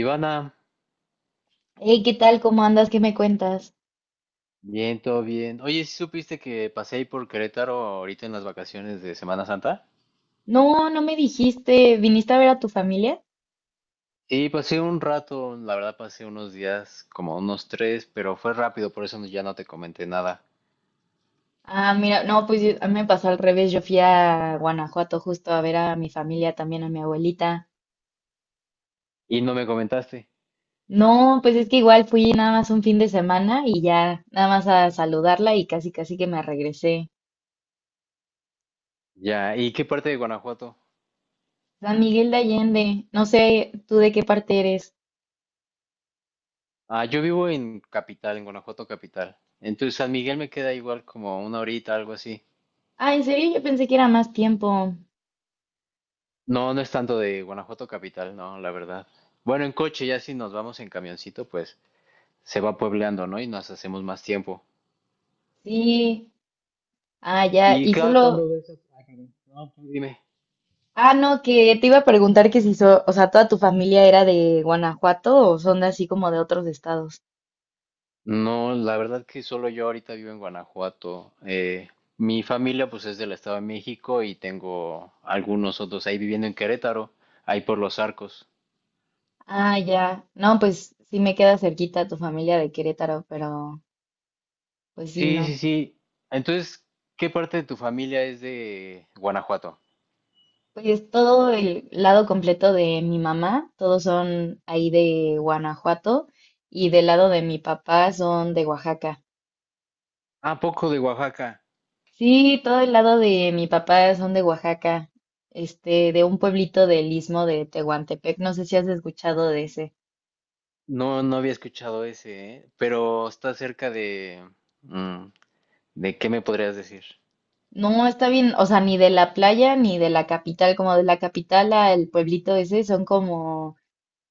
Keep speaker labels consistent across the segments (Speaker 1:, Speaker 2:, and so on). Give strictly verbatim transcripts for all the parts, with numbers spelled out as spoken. Speaker 1: Ivana,
Speaker 2: Hey, ¿qué tal? ¿Cómo andas? ¿Qué me cuentas?
Speaker 1: bien, todo bien. Oye, ¿sí supiste que pasé ahí por Querétaro ahorita en las vacaciones de Semana Santa?
Speaker 2: No, no me dijiste, ¿viniste a ver a tu familia?
Speaker 1: Y pasé un rato, la verdad pasé unos días, como unos tres, pero fue rápido, por eso no- ya no te comenté nada.
Speaker 2: Ah, mira, no, pues yo- a mí me pasó al revés, yo fui a Guanajuato justo a ver a mi familia, también a mi abuelita.
Speaker 1: Y no me comentaste.
Speaker 2: No, pues es que igual fui nada más un fin de semana y ya nada más a saludarla y casi casi que me regresé.
Speaker 1: Ya, ¿y qué parte de Guanajuato?
Speaker 2: San Miguel de Allende, no sé tú de qué parte eres.
Speaker 1: Ah, yo vivo en Capital, en Guanajuato Capital. Entonces San Miguel me queda igual como una horita, algo así.
Speaker 2: Ah, ¿en serio? Yo pensé que era más tiempo.
Speaker 1: No, no es tanto de Guanajuato Capital, no, la verdad. Bueno, en coche ya si nos vamos en camioncito, pues se va puebleando, ¿no? Y nos hacemos más tiempo.
Speaker 2: Sí, ah, ya,
Speaker 1: Y
Speaker 2: y
Speaker 1: cada
Speaker 2: solo...
Speaker 1: cuando ves a... Ah, perdón. No, tú dime.
Speaker 2: Ah, no, que te iba a preguntar que si, so- o sea, toda tu familia era de Guanajuato o son de así como de otros estados.
Speaker 1: No, la verdad que solo yo ahorita vivo en Guanajuato. Eh, mi familia pues es del Estado de México y tengo algunos otros ahí viviendo en Querétaro, ahí por los arcos.
Speaker 2: Ah, ya. No, pues sí me queda cerquita tu familia de Querétaro, pero pues sí,
Speaker 1: Sí, sí,
Speaker 2: no.
Speaker 1: sí. Entonces, ¿qué parte de tu familia es de Guanajuato?
Speaker 2: Pues todo el lado completo de mi mamá, todos son ahí de Guanajuato y del lado de mi papá son de Oaxaca.
Speaker 1: Ah, poco de Oaxaca.
Speaker 2: Sí, todo el lado de mi papá son de Oaxaca, este, de un pueblito del istmo de Tehuantepec. No sé si has escuchado de ese.
Speaker 1: No, no había escuchado ese, ¿eh? Pero está cerca de... mm, ¿de qué me podrías decir?
Speaker 2: No, está bien, o sea, ni de la playa ni de la capital, como de la capital al pueblito ese son como,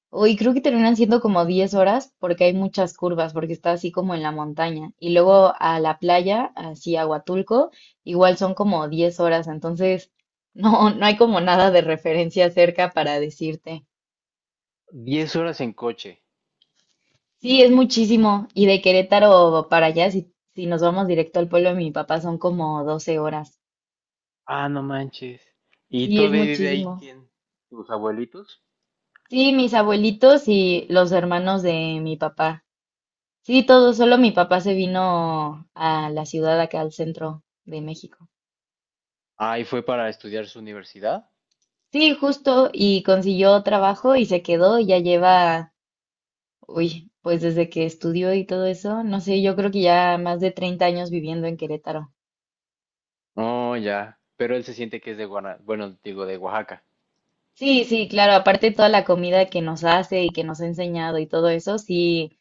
Speaker 2: uy, creo que terminan siendo como diez horas porque hay muchas curvas, porque está así como en la montaña. Y luego a la playa, así a Huatulco, igual son como diez horas, entonces no, no hay como nada de referencia cerca para decirte.
Speaker 1: Diez horas en coche.
Speaker 2: Sí, es muchísimo. Y de Querétaro para allá, si, si nos vamos directo al pueblo de mi papá, son como doce horas.
Speaker 1: Ah, no manches. ¿Y
Speaker 2: Sí, es
Speaker 1: todavía vive ahí
Speaker 2: muchísimo.
Speaker 1: quién? ¿Tus abuelitos?
Speaker 2: Sí, mis abuelitos y los hermanos de mi papá. Sí, todo, solo mi papá se vino a la ciudad acá al centro de México.
Speaker 1: Ah, ¿y fue para estudiar su universidad?
Speaker 2: Sí, justo, y consiguió trabajo y se quedó y ya lleva, uy, pues desde que estudió y todo eso, no sé, yo creo que ya más de treinta años viviendo en Querétaro.
Speaker 1: Oh, ya. Pero él se siente que es de Guana, bueno, digo, de Oaxaca.
Speaker 2: Sí, sí, claro, aparte toda la comida que nos hace y que nos ha enseñado y todo eso, sí,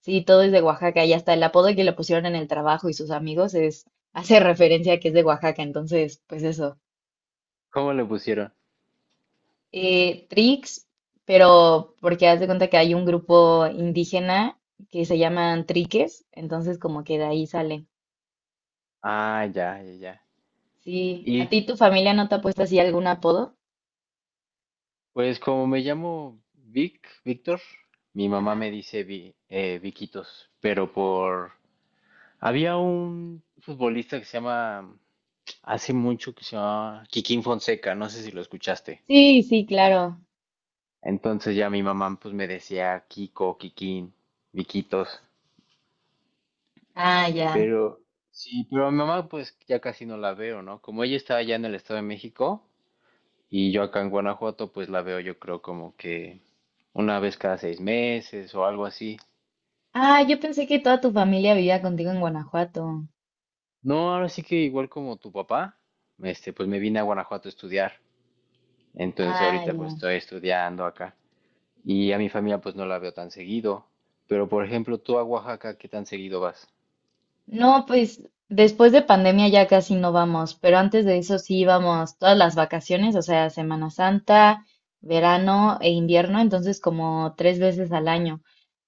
Speaker 2: sí, todo es de Oaxaca y hasta el apodo que le pusieron en el trabajo y sus amigos es, hace referencia a que es de Oaxaca, entonces, pues eso.
Speaker 1: ¿Cómo le pusieron?
Speaker 2: Eh, Trix, pero porque haz de cuenta que hay un grupo indígena que se llaman Triques, entonces como que de ahí sale.
Speaker 1: Ah, ya, ya, ya.
Speaker 2: Sí, ¿a
Speaker 1: Y
Speaker 2: ti tu familia no te ha puesto así algún apodo?
Speaker 1: pues como me llamo Vic, Víctor, mi
Speaker 2: Ajá.
Speaker 1: mamá me dice Vi, eh, Viquitos, pero por... Había un futbolista que se llama, hace mucho que se llamaba Kikín Fonseca, no sé si lo escuchaste.
Speaker 2: Sí, sí, claro.
Speaker 1: Entonces ya mi mamá pues me decía Kiko, Kikín, Viquitos.
Speaker 2: Ah, ya.
Speaker 1: Pero sí, pero a mi mamá pues ya casi no la veo, ¿no? Como ella está allá en el Estado de México y yo acá en Guanajuato pues la veo yo creo como que una vez cada seis meses o algo así.
Speaker 2: Ah, yo pensé que toda tu familia vivía contigo en Guanajuato.
Speaker 1: No, ahora sí que igual como tu papá, este, pues me vine a Guanajuato a estudiar. Entonces
Speaker 2: Ah,
Speaker 1: ahorita pues
Speaker 2: ya.
Speaker 1: estoy estudiando acá. Y a mi familia pues no la veo tan seguido. Pero por ejemplo, tú a Oaxaca, ¿qué tan seguido vas?
Speaker 2: No, pues después de pandemia ya casi no vamos, pero antes de eso sí íbamos todas las vacaciones, o sea, Semana Santa, verano e invierno, entonces como tres veces al año.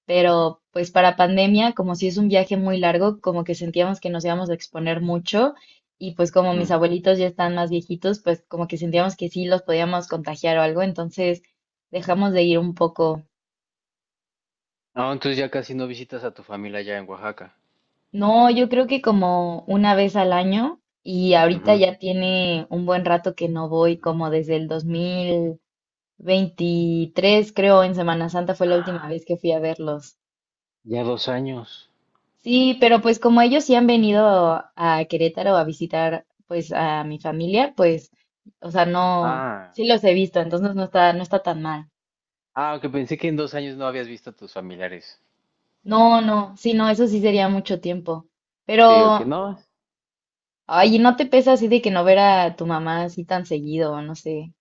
Speaker 2: Pero pues para pandemia, como si es un viaje muy largo, como que sentíamos que nos íbamos a exponer mucho y pues como mis
Speaker 1: Mm.
Speaker 2: abuelitos ya están más viejitos, pues como que sentíamos que sí los podíamos contagiar o algo, entonces dejamos de ir un poco.
Speaker 1: Ah, entonces ya casi no visitas a tu familia allá en Oaxaca.
Speaker 2: No, yo creo que como una vez al año y ahorita
Speaker 1: Ujú.
Speaker 2: ya tiene un buen rato que no voy, como desde el dos mil veintitrés, creo, en Semana Santa fue la última vez que fui a verlos.
Speaker 1: Ya dos años.
Speaker 2: Sí, pero pues como ellos sí han venido a Querétaro a visitar pues a mi familia, pues, o sea, no,
Speaker 1: Ah,
Speaker 2: sí los he visto,
Speaker 1: ok.
Speaker 2: entonces no está, no está tan mal.
Speaker 1: Ah, que pensé que en dos años no habías visto a tus familiares.
Speaker 2: No, no, sí, no, eso sí sería mucho tiempo.
Speaker 1: Sí, ok,
Speaker 2: Pero,
Speaker 1: no.
Speaker 2: ay, ¿no te pesa así de que no ver a tu mamá así tan seguido, no sé?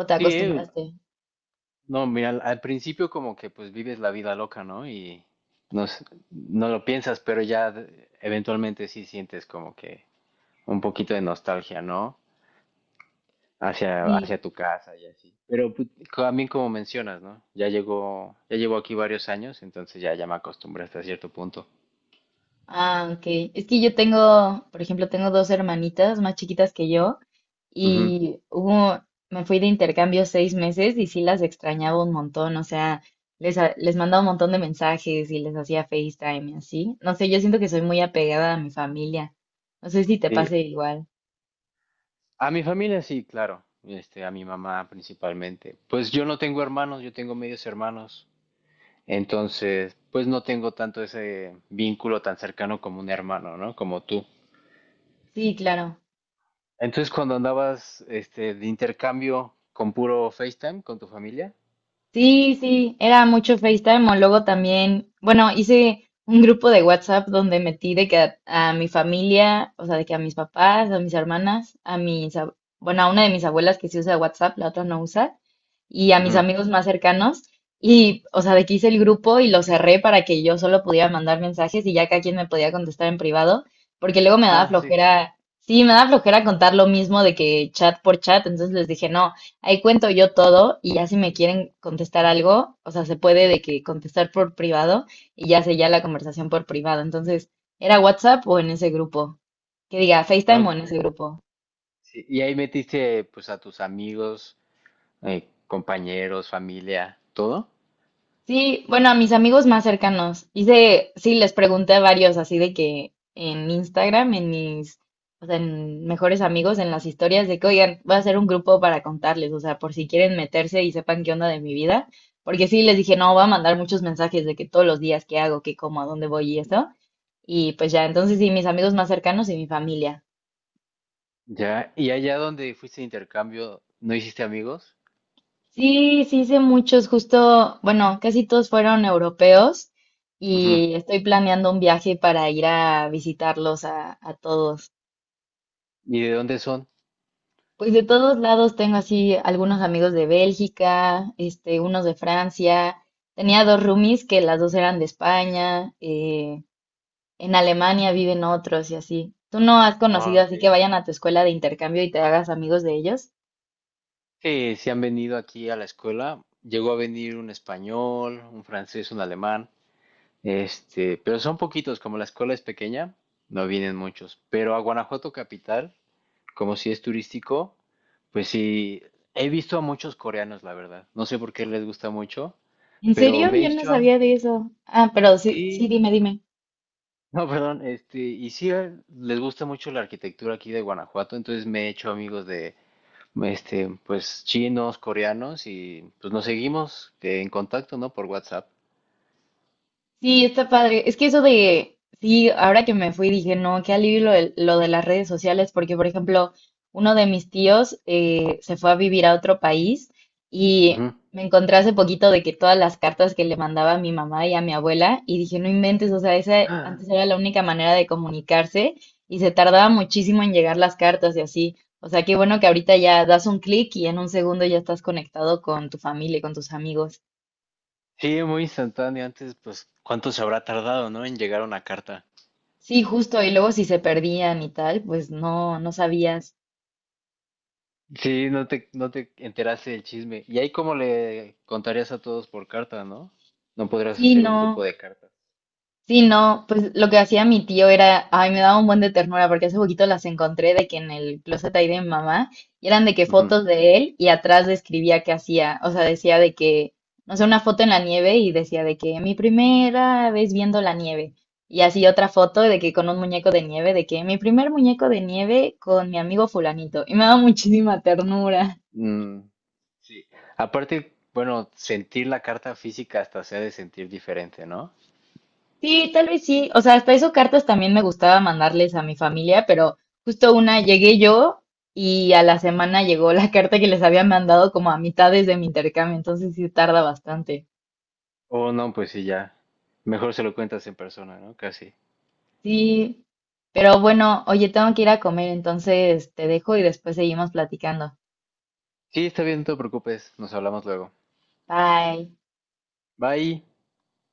Speaker 2: ¿O te
Speaker 1: Sí, eh,
Speaker 2: acostumbraste?
Speaker 1: no, mira, al, al principio como que pues vives la vida loca, ¿no? Y no, s- no lo piensas, pero ya de- eventualmente sí sientes como que un poquito de nostalgia, ¿no? Hacia,
Speaker 2: Sí.
Speaker 1: hacia tu casa y así. Pero pues, también como mencionas, ¿no? Ya llegó, ya llevo aquí varios años, entonces ya, ya me acostumbré hasta cierto punto.
Speaker 2: Ah, ok. Es que yo tengo, por ejemplo, tengo dos hermanitas más chiquitas que yo
Speaker 1: Ujú.
Speaker 2: y hubo, me fui de intercambio seis meses y sí las extrañaba un montón, o sea, les, ha- les mandaba un montón de mensajes y les hacía FaceTime y así. No sé, yo siento que soy muy apegada a mi familia. No sé si te
Speaker 1: Sí.
Speaker 2: pase igual.
Speaker 1: A mi familia sí, claro. Este, a mi mamá principalmente. Pues yo no tengo hermanos, yo tengo medios hermanos. Entonces, pues no tengo tanto ese vínculo tan cercano como un hermano, ¿no? Como tú.
Speaker 2: Sí, claro.
Speaker 1: Entonces, cuando andabas, este, de intercambio con puro FaceTime con tu familia.
Speaker 2: Sí, sí, era mucho FaceTime o luego también, bueno, hice un grupo de WhatsApp donde metí de que a, a mi familia, o sea, de que a mis papás, a mis hermanas, a mis, ab- bueno, a una de mis abuelas que sí usa WhatsApp, la otra no usa, y a mis
Speaker 1: Ujú.
Speaker 2: amigos más cercanos, y, o sea, de que hice el grupo y lo cerré para que yo solo pudiera mandar mensajes y ya cada quien me podía contestar en privado, porque luego me daba
Speaker 1: Ah, sí.
Speaker 2: flojera, sí, me daba flojera contar lo mismo de que chat por chat, entonces les dije, no. Ahí cuento yo todo y ya si me quieren contestar algo, o sea, se puede de que contestar por privado y ya se ya la conversación por privado. Entonces, ¿era WhatsApp o en ese grupo? Que diga FaceTime o en
Speaker 1: Ok.
Speaker 2: ese grupo.
Speaker 1: Sí. Y ahí metiste, pues, a tus amigos, eh, compañeros, familia, todo.
Speaker 2: Sí, bueno, a mis amigos más cercanos. Hice, sí, les pregunté a varios así de que en Instagram, en mis, o sea, en mejores amigos, en las historias de que, oigan, voy a hacer un grupo para contarles, o sea, por si quieren meterse y sepan qué onda de mi vida. Porque sí, les dije, no, voy a mandar muchos mensajes de que todos los días qué hago, qué como, a dónde voy y eso. Y pues ya, entonces sí, mis amigos más cercanos y mi familia.
Speaker 1: Ya. ¿Y allá donde fuiste de intercambio, no hiciste amigos?
Speaker 2: Sí, sí hice muchos, justo, bueno, casi todos fueron europeos
Speaker 1: Ujú.
Speaker 2: y estoy planeando un viaje para ir a visitarlos a, a todos.
Speaker 1: ¿Y de dónde son?
Speaker 2: Pues de todos lados tengo así algunos amigos de Bélgica, este, unos de Francia. Tenía dos roomies que las dos eran de España. Eh, en Alemania viven otros y así. ¿Tú no has
Speaker 1: Ah,
Speaker 2: conocido
Speaker 1: ok.
Speaker 2: así que vayan a tu escuela de intercambio y te hagas amigos de ellos?
Speaker 1: Sí, sí han venido aquí a la escuela. Llegó a venir un español, un francés, un alemán, este, pero son poquitos, como la escuela es pequeña, no vienen muchos. Pero a Guanajuato capital, como si es turístico, pues sí, he visto a muchos coreanos, la verdad. No sé por qué les gusta mucho,
Speaker 2: ¿En
Speaker 1: pero
Speaker 2: serio? Yo no
Speaker 1: Meishuam,
Speaker 2: sabía de eso. Ah, pero sí, sí,
Speaker 1: sí,
Speaker 2: dime, dime.
Speaker 1: no, perdón, este, y sí eh, les gusta mucho la arquitectura aquí de Guanajuato, entonces me he hecho amigos este, pues chinos, coreanos y pues nos seguimos eh, en contacto, ¿no? Por WhatsApp.
Speaker 2: Sí, está padre. Es que eso de, sí, ahora que me fui dije, no, qué alivio lo de, lo de las redes sociales, porque por ejemplo, uno de mis tíos eh, se fue a vivir a otro país y
Speaker 1: Ujú.
Speaker 2: me encontré hace poquito de que todas las cartas que le mandaba a mi mamá y a mi abuela, y dije, no inventes, o sea, esa antes era la única manera de comunicarse y se tardaba muchísimo en llegar las cartas y así. O sea, qué bueno que ahorita ya das un clic y en un segundo ya estás conectado con tu familia y con tus amigos.
Speaker 1: Sí, muy instantáneo. Antes, pues, ¿cuánto se habrá tardado, no? En llegar una carta.
Speaker 2: Sí, justo, y luego si se perdían y tal, pues no, no sabías.
Speaker 1: Sí, no te, no te enteraste del chisme. Y ahí como le contarías a todos por carta, ¿no? No podrías
Speaker 2: Sí,
Speaker 1: hacer un grupo
Speaker 2: no,
Speaker 1: de cartas.
Speaker 2: sí, no, pues lo que hacía mi tío era, ay, me daba un buen de ternura porque hace poquito las encontré de que en el closet ahí de mi mamá, y eran de que
Speaker 1: Ujú.
Speaker 2: fotos de él y atrás describía qué hacía, o sea, decía de que, no sé, una foto en la nieve y decía de que mi primera vez viendo la nieve, y así otra foto de que con un muñeco de nieve, de que mi primer muñeco de nieve con mi amigo fulanito, y me daba muchísima ternura.
Speaker 1: Mm, sí. Aparte, bueno, sentir la carta física hasta se ha de sentir diferente, ¿no?
Speaker 2: Sí, tal vez sí. O sea, hasta eso cartas también me gustaba mandarles a mi familia, pero justo una llegué yo y a la semana llegó la carta que les había mandado como a mitades de mi intercambio, entonces sí tarda bastante.
Speaker 1: O no, pues sí, ya. Mejor se lo cuentas en persona, ¿no? Casi.
Speaker 2: Sí, pero bueno, oye, tengo que ir a comer, entonces te dejo y después seguimos platicando.
Speaker 1: Sí, está bien, no te preocupes. Nos hablamos luego.
Speaker 2: Bye.
Speaker 1: Bye.